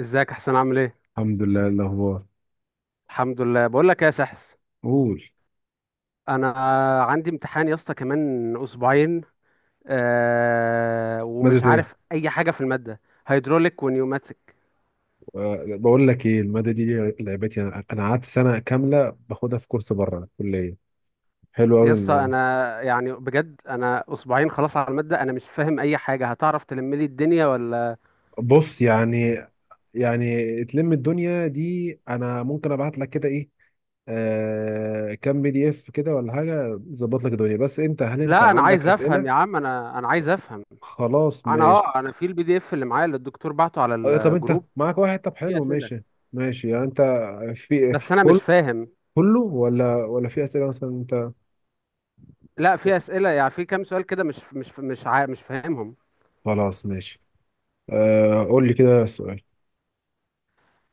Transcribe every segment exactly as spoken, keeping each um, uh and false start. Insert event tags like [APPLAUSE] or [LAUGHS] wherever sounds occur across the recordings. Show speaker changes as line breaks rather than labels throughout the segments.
ازيك يا حسين، عامل ايه؟
الحمد لله. إيه الاخبار؟
الحمد لله. بقول لك ايه يا سحس؟
قول.
انا عندي امتحان يا اسطى كمان اسبوعين. آه ومش
مادة ايه؟
عارف اي حاجه في الماده. هيدروليك ونيوماتيك.
آه، بقول لك ايه المادة دي، لعبتي. انا انا قعدت سنة كاملة باخدها في كورس بره الكلية، حلو
يا
قوي.
اسطى
ان
انا يعني بجد، انا اسبوعين خلاص على الماده، انا مش فاهم اي حاجه. هتعرف تلم لي الدنيا ولا؟
بص، يعني يعني تلم الدنيا دي انا ممكن ابعت لك كده ايه، آه، كام بي دي اف كده ولا حاجة، ظبط لك الدنيا. بس انت، هل انت
لا انا
عندك
عايز افهم
اسئلة؟
يا عم، انا انا عايز افهم.
خلاص
انا
ماشي.
اه انا في البي دي اف اللي معايا اللي الدكتور بعته على
آه، طب انت
الجروب.
معاك واحد؟ طب
في
حلو،
اسئله
ماشي. ماشي يعني انت في
بس انا مش
كل
فاهم.
كله ولا ولا في اسئلة مثلا انت؟
لا، في اسئله، يعني في كام سؤال كده مش مش مش عا... مش فاهمهم.
خلاص ماشي. آه قول لي كده السؤال.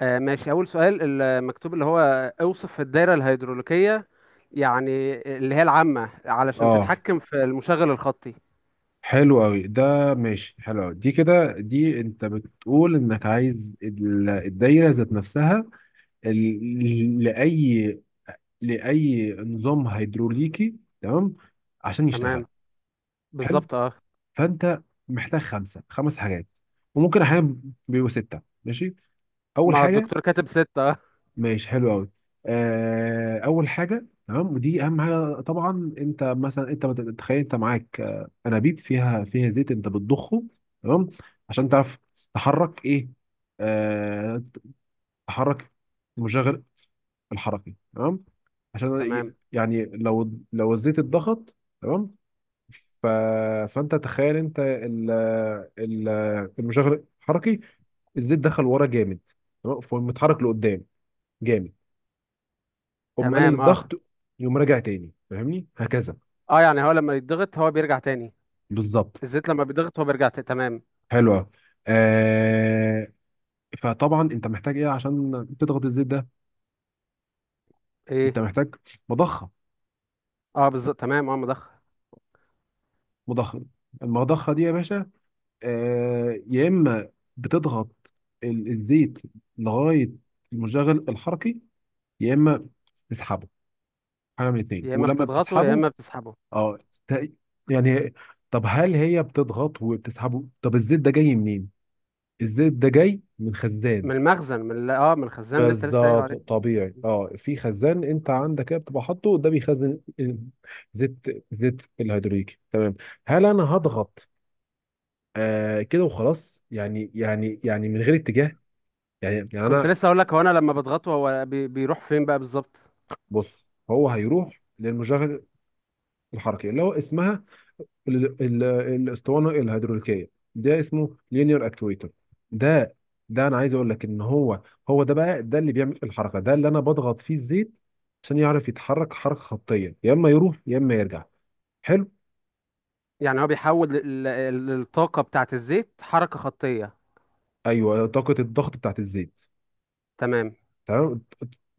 آه ماشي. أول سؤال المكتوب اللي هو: اوصف الدايرة الهيدروليكية، يعني اللي هي العامة علشان
اه
تتحكم في المشغل الخطي.
حلو قوي ده، ماشي. حلو قوي دي كده، دي انت بتقول انك عايز ال- الدايره ذات نفسها، ال- لاي لاي نظام هيدروليكي، تمام؟ عشان يشتغل.
تمام،
حلو،
بالظبط اه.
فانت محتاج خمسه خمس حاجات، وممكن احيانا بيبقوا سته، ماشي. اول
ما هو
حاجه،
الدكتور كاتب ستة اه.
ماشي حلو قوي. آه، اول حاجه تمام، ودي اهم حاجه طبعا. انت مثلا انت مت- تخيل انت معاك آه، انابيب فيها فيها زيت، انت بتضخه تمام، عشان تعرف تحرك ايه؟ آه، تحرك المشغل الحركي تمام، عشان
تمام.
ي- يعني لو لو الزيت اتضغط تمام. ف... فانت تخيل انت ال... ال... المشغل الحركي، الزيت دخل ورا جامد تمام، فمتحرك لقدام جامد. قوم قلل
تمام، اه
الضغط، يقوم راجع تاني. فاهمني هكذا؟
اه، يعني هو لما يتضغط هو بيرجع تاني؟
بالظبط،
الزيت لما بيتضغط هو بيرجع تاني؟ تمام.
حلو قوي. آه، فطبعا انت محتاج ايه عشان تضغط الزيت ده؟ انت
ايه؟
محتاج مضخه.
اه بالظبط تمام اه، مضخ.
مضخه المضخه دي يا باشا، آه، يا اما بتضغط ال- الزيت لغايه المشغل الحركي، يا اما تسحبه، حاجه من اتنين.
يا اما
ولما
بتضغطه يا
بتسحبه
اما بتسحبه.
اه ت- يعني، طب هل هي بتضغط وبتسحبه؟ طب الزيت ده جاي منين؟ الزيت ده جاي من خزان.
من المخزن من ال- اه من الخزان اللي انت لسه قايل
بالظبط
عليه.
طبيعي، اه في خزان انت عندك كده بتبقى حاطه، ده بيخزن ال- زيت، زيت الهيدروليكي تمام. هل انا
طب
هضغط آه كده وخلاص، يعني يعني يعني من غير اتجاه؟ يعني يعني
كنت
انا
لسه اقول لك، هو انا لما بضغطه هو بي... بيروح فين بقى بالظبط؟
بص، هو هيروح للمشغل الحركي اللي هو اسمها ال- ال- الاسطوانه الهيدروليكيه، ده اسمه لينير اكتويتر. ده ده انا عايز اقول لك ان هو، هو ده بقى ده اللي بيعمل الحركه، ده اللي انا بضغط فيه الزيت عشان يعرف يتحرك حركه خطيه، يا اما يروح يا اما يرجع. حلو.
يعني هو بيحول ال- ال- الطاقة بتاعت الزيت حركة خطية.
ايوه، طاقه الضغط بتاعت الزيت،
تمام.
تمام.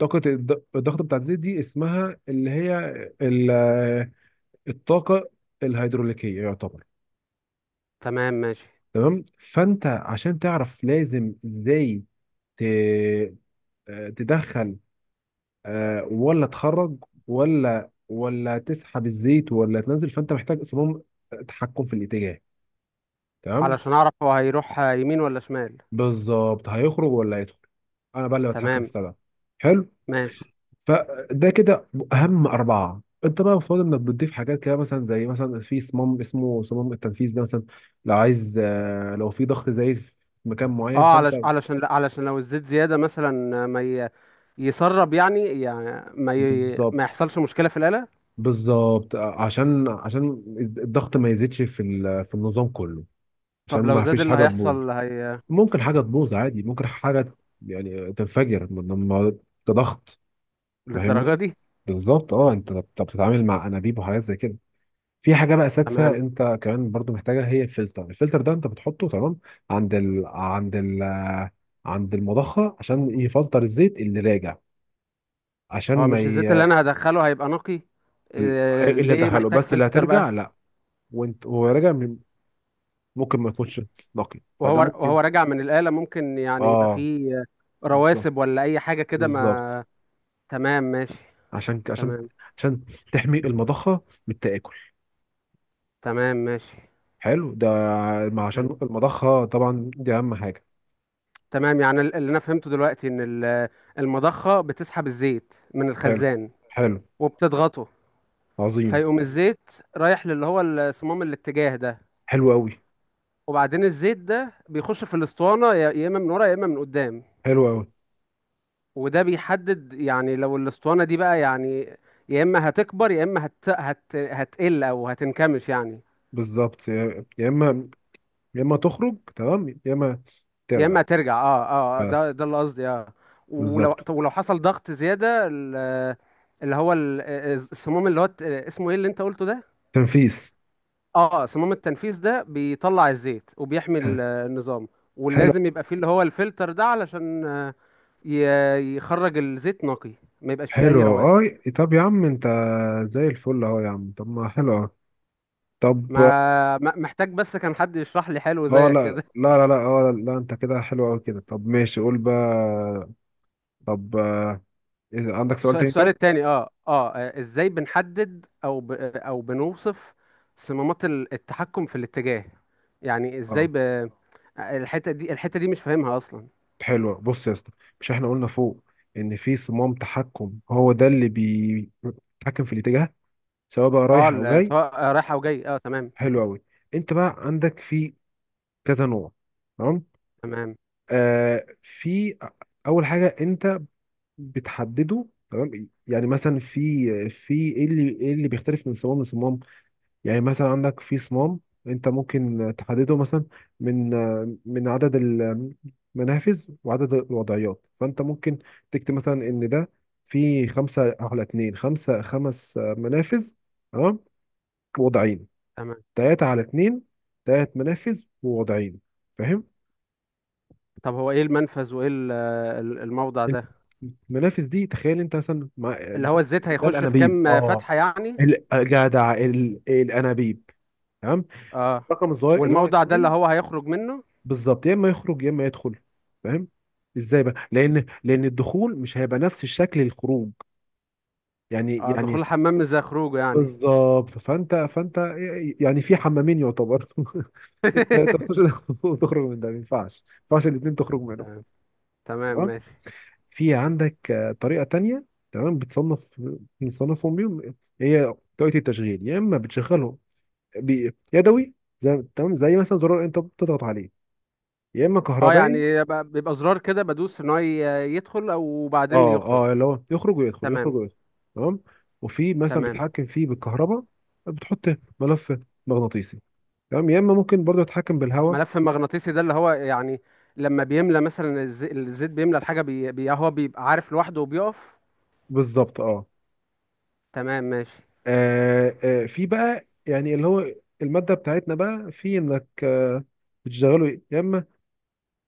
طاقه الض- الضغط بتاعت الزيت دي اسمها اللي هي ال- الطاقه الهيدروليكيه يعتبر،
تمام ماشي.
تمام. فانت عشان تعرف لازم ازاي ت- تدخل آه، ولا تخرج، ولا ولا تسحب الزيت، ولا تنزل، فانت محتاج اصلا تحكم في الاتجاه، تمام.
علشان أعرف هو هيروح يمين ولا شمال.
بالظبط، هيخرج ولا هيدخل؟ انا بقى اللي بتحكم في
تمام
بتاع ده. حلو.
ماشي.
فده كده اهم اربعه. انت بقى المفروض انك بتضيف حاجات كده، مثلا زي مثلا في صمام اسمه صمام التنفيذ ده مثلا، لو عايز، آه، لو في ضغط زايد في مكان معين،
اه،
فانت
علش علشان، لا، علشان لو الزيت زيادة مثلا ما ي... يسرب، يعني يعني ما ي... ما
بالظبط.
يحصلش مشكلة في الآلة.
بالظبط آه، عشان عشان الضغط ما يزيدش في ال- في النظام كله، عشان
طب لو
ما
زاد
فيش
اللي
حاجه تبوظ.
هيحصل هي؟
ممكن حاجة تبوظ عادي، ممكن حاجة يعني تنفجر من لما كضغط.
للدرجة
فاهمني؟
دي؟
بالظبط، اه. انت بت- بتتعامل مع انابيب وحاجات زي كده. في حاجة بقى سادسة
تمام.
انت كمان برضو محتاجها، هي الفلتر. الفلتر ده انت بتحطه تمام عند ال... عند ال... عند المضخة، عشان يفلتر الزيت اللي راجع، عشان
هو
ما
مش الزيت اللي
ي...
أنا هدخله هيبقى نقي؟ إيه...
اللي
ليه
دخله
محتاج
بس، اللي
فلتر بقى؟
هترجع لا. وانت وهو راجع ممكن ما يكونش نقي،
وهو
فده ممكن.
وهو راجع من الآلة ممكن يعني يبقى
اه،
فيه
بالظبط.
رواسب ولا أي حاجة كده،
بالظبط
ما. تمام ماشي.
عشان عشان
تمام.
عشان تحمي المضخة من التآكل.
تمام ماشي.
حلو ده، ما
حلو.
عشان المضخة طبعا دي أهم حاجة.
تمام، يعني ال- اللي أنا فهمته دلوقتي إن ال- المضخة بتسحب الزيت من
حلو.
الخزان
حلو،
وبتضغطه،
عظيم.
فيقوم الزيت رايح للي هو الصمام الاتجاه ده،
حلو أوي.
وبعدين الزيت ده بيخش في الأسطوانة يا يا إما من ورا يا إما من قدام.
حلو أوي،
وده بيحدد، يعني لو الأسطوانة دي بقى، يعني يا إما هتكبر يا إما هت... هت... هتقل أو هتنكمش يعني.
بالظبط. يا يا إما يا إما تخرج تمام، يا إما
يا
ترجع.
اما ترجع، اه اه، آه، ده
بس.
ده اللي قصدي اه. ولو،
بالظبط.
طب ولو حصل ضغط زياده، ال- اللي هو ال- السموم، اللي هو الت- اسمه ايه اللي انت قلته ده؟
تنفيس.
اه، سموم التنفيذ ده بيطلع الزيت وبيحمي
ح-
ال- آه، النظام.
حلو.
ولازم يبقى فيه اللي هو الفلتر ده علشان آه، ي- يخرج الزيت نقي، ما يبقاش فيه اي
حلو
رواسب.
أوي، أه. طب يا عم أنت زي الفل أهو يا عم، طب ما حلو أوي. طب
ما ما- محتاج بس كان حد يشرح لي حلو
أه،
زيك
لا.
كده.
لا لا لا أه لا، أنت كده حلو أوي كده، طب ماشي قول بقى. طب إذا عندك
الس-
سؤال تاني،
السؤال
طب.
التاني، اه اه، آه، ازاي بنحدد او ب... او بنوصف صمامات ال- التحكم في الاتجاه؟ يعني ازاي
اه
ب... الحتة دي الحتة دي مش فاهمها اصلا.
حلو، بص يا اسطى، مش احنا قلنا فوق ان في صمام تحكم، هو ده اللي بيتحكم في الاتجاه سواء بقى
اه،
رايح او
ال-
جاي؟
سواء رايح او جاي اه. تمام
حلو قوي، انت بقى عندك في كذا نوع، تمام.
تمام.
آه، في اول حاجه انت بتحدده تمام، يعني مثلا في في ايه اللي ايه اللي بيختلف من صمام لصمام؟ يعني مثلا عندك في صمام انت ممكن تحدده مثلا من من عدد المنافذ وعدد الوضعيات. فانت ممكن تكتب مثلا ان ده في خمسة على اتنين، خمسة خمس منافذ تمام، وضعين.
تمام.
تلاتة على اتنين، تلات منافذ ووضعين، فاهم؟
طب هو ايه المنفذ وايه ال- ال- الموضع ده؟
المنافذ دي تخيل انت مثلا مع
اللي هو
ده،
الزيت
ده
هيخش في
الانابيب
كام
اه،
فتحة يعني.
الجدع الانابيب تمام.
اه.
الرقم الصغير اللي هو
والموضع ده اللي هو
اتنين،
هيخرج منه.
بالظبط يا اما يخرج يا اما يدخل، فاهم؟ ازاي بقى؟ لان لان الدخول مش هيبقى نفس الشكل الخروج، يعني
اه، دخول
يعني
الحمام زي خروجه يعني.
بالظبط. فانت فانت يعني في حمامين يعتبر [LAUGHS] انت تخش
[LAUGHS]
[LAUGHS] وتخرج من ده، ما ينفعش. ما ينفعش الاثنين تخرج منهم.
تمام. تمام
تمام.
ماشي.
في عندك آه، طريقه تانية تمام بتصنف، بنصنفهم بيهم، هي طريقه التشغيل. يا اما بتشغله بي- يدوي، زي تمام زي مثلا زرار انت بتضغط عليه، يا اما
اه
كهربائي.
يعني ب- بيبقى زرار كده بدوس ان هو ي- يدخل او بعدين
اه
يخرج.
اه، اللي هو يخرج ويدخل، يخرج
تمام.
ويدخل تمام. وفي مثلا
تمام.
بيتحكم فيه بالكهرباء، بتحط ملف مغناطيسي تمام، يا اما ممكن برضه يتحكم بالهواء.
ملف مغناطيسي ده اللي هو يعني لما بيملى مثلا الز- الزيت بيملى الحاجة، بي بي- هو بيبقى عارف لوحده وبيقف.
بالظبط اه.
تمام ماشي.
آه، آه، في بقى يعني اللي هو المادة بتاعتنا بقى، في انك آه، بتشتغله يا اما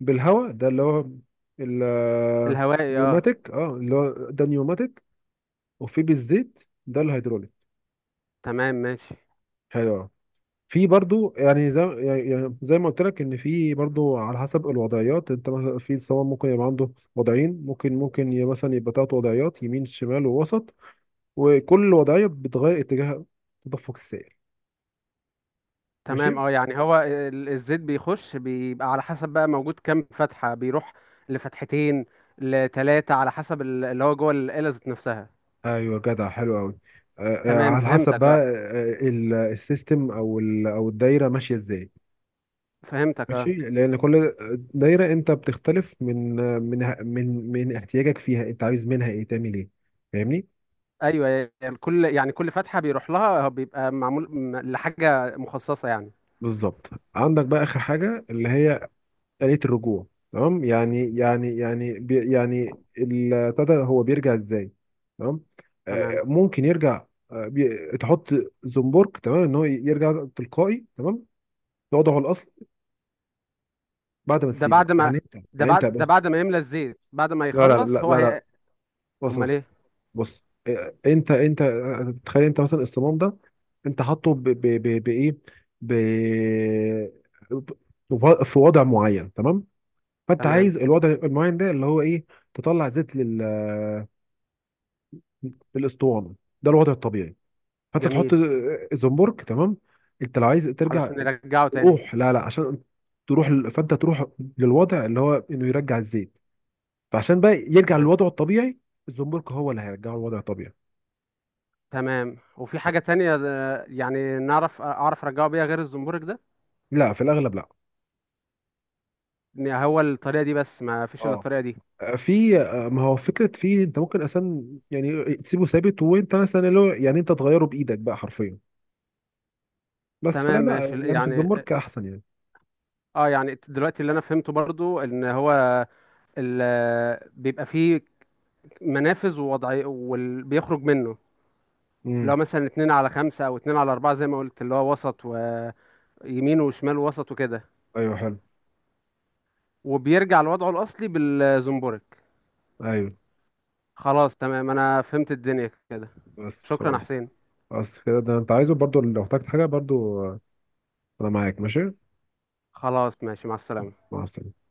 بالهواء، ده اللي هو
الهوائي اه.
النيوماتيك. اه، اللي هو ده نيوماتيك، وفي بالزيت، ده الهيدروليك.
تمام ماشي.
حلو. في برضو يعني زي يعني زي ما قلت لك ان في برضو على حسب الوضعيات. انت مثلا في الصواب ممكن يبقى عنده وضعين، ممكن ممكن ي- مثلا يبقى تلات وضعيات يمين شمال ووسط، وكل وضعيه بتغير اتجاه تدفق السائل، ماشي.
تمام، اه، يعني هو ال- الزيت بيخش، بيبقى على حسب بقى موجود كام فتحة، بيروح لفتحتين لتلاتة على حسب ال- اللي هو جوه الآلة ذات نفسها.
ايوه جدع، حلو قوي.
تمام
على حسب
فهمتك
بقى
اه.
آه، ال- السيستم او ال- او الدايره ماشيه ازاي.
فهمتك اه.
ماشي، لان كل دايره انت بتختلف من من من من احتياجك فيها، انت عايز منها ايه تعمل ايه، فاهمني؟
ايوه، يعني كل يعني كل فتحه بيروح لها بيبقى معمول م- لحاجه مخصصه يعني.
بالظبط. عندك بقى آخر حاجة اللي هي آلية الرجوع، تمام. يعني يعني يعني بي يعني ابتدى هو بيرجع ازاي، تمام. آه،
تمام.
ممكن يرجع آه بي تحط زنبرك تمام، ان هو يرجع تلقائي تمام لوضعه الاصل بعد ما
ده
تسيبه.
بعد ما
يعني انت،
ده
يعني انت
بعد ده
بص.
بعد ما يملى الزيت بعد ما
لا لا لا
يخلص هو
لا لا
هي.
بص.
امال
بص
ايه؟
بص آه، انت انت آه، تخيل انت مثلا الصمام ده انت حاطه ب- ب- ب- بايه ب في وضع معين تمام، فانت
تمام.
عايز الوضع المعين ده اللي هو ايه، تطلع زيت لل للاسطوانه، ده الوضع الطبيعي. فانت تحط
جميل.
زنبرك تمام. انت لو عايز ترجع
علشان يرجعه تاني.
تروح، لا لا عشان تروح ل- فانت تروح للوضع اللي هو انه يرجع الزيت. فعشان بقى يرجع
تمام.
للوضع الطبيعي، الزنبرك هو اللي هيرجعه للوضع الطبيعي.
تمام، وفي حاجه تانية، آه، يعني نعرف، آه، اعرف ارجعه بيها غير الزنبرك ده؟
لا، في الاغلب لا.
إن هو الطريقه دي بس، ما فيش الا
اه
الطريقه دي؟
في، ما هو فكره في، انت ممكن اصلا يعني تسيبه ثابت، وانت مثلا اللي هو يعني انت تغيره بايدك بقى حرفيا. بس
تمام
فلا،
ماشي. ال-
يعني في
يعني
الزنبرك احسن يعني.
اه يعني دلوقتي اللي انا فهمته برضو ان هو ال- آه، بيبقى فيه منافذ ووضعي وبيخرج منه، اللي هو
مم.
مثلا اتنين على خمسة أو اتنين على أربعة زي ما قلت، اللي هو وسط ويمين وشمال ووسط وكده،
ايوه حلو.
وبيرجع لوضعه الأصلي بالزومبورك.
ايوه
خلاص تمام أنا فهمت الدنيا كده.
بس
شكرا يا
خلاص.
حسين.
بس كده. ده انت عايزه، برضو لو احتجت حاجة برضو آه، انا معاك ماشي.
خلاص ماشي، مع السلامة.
مع السلامة.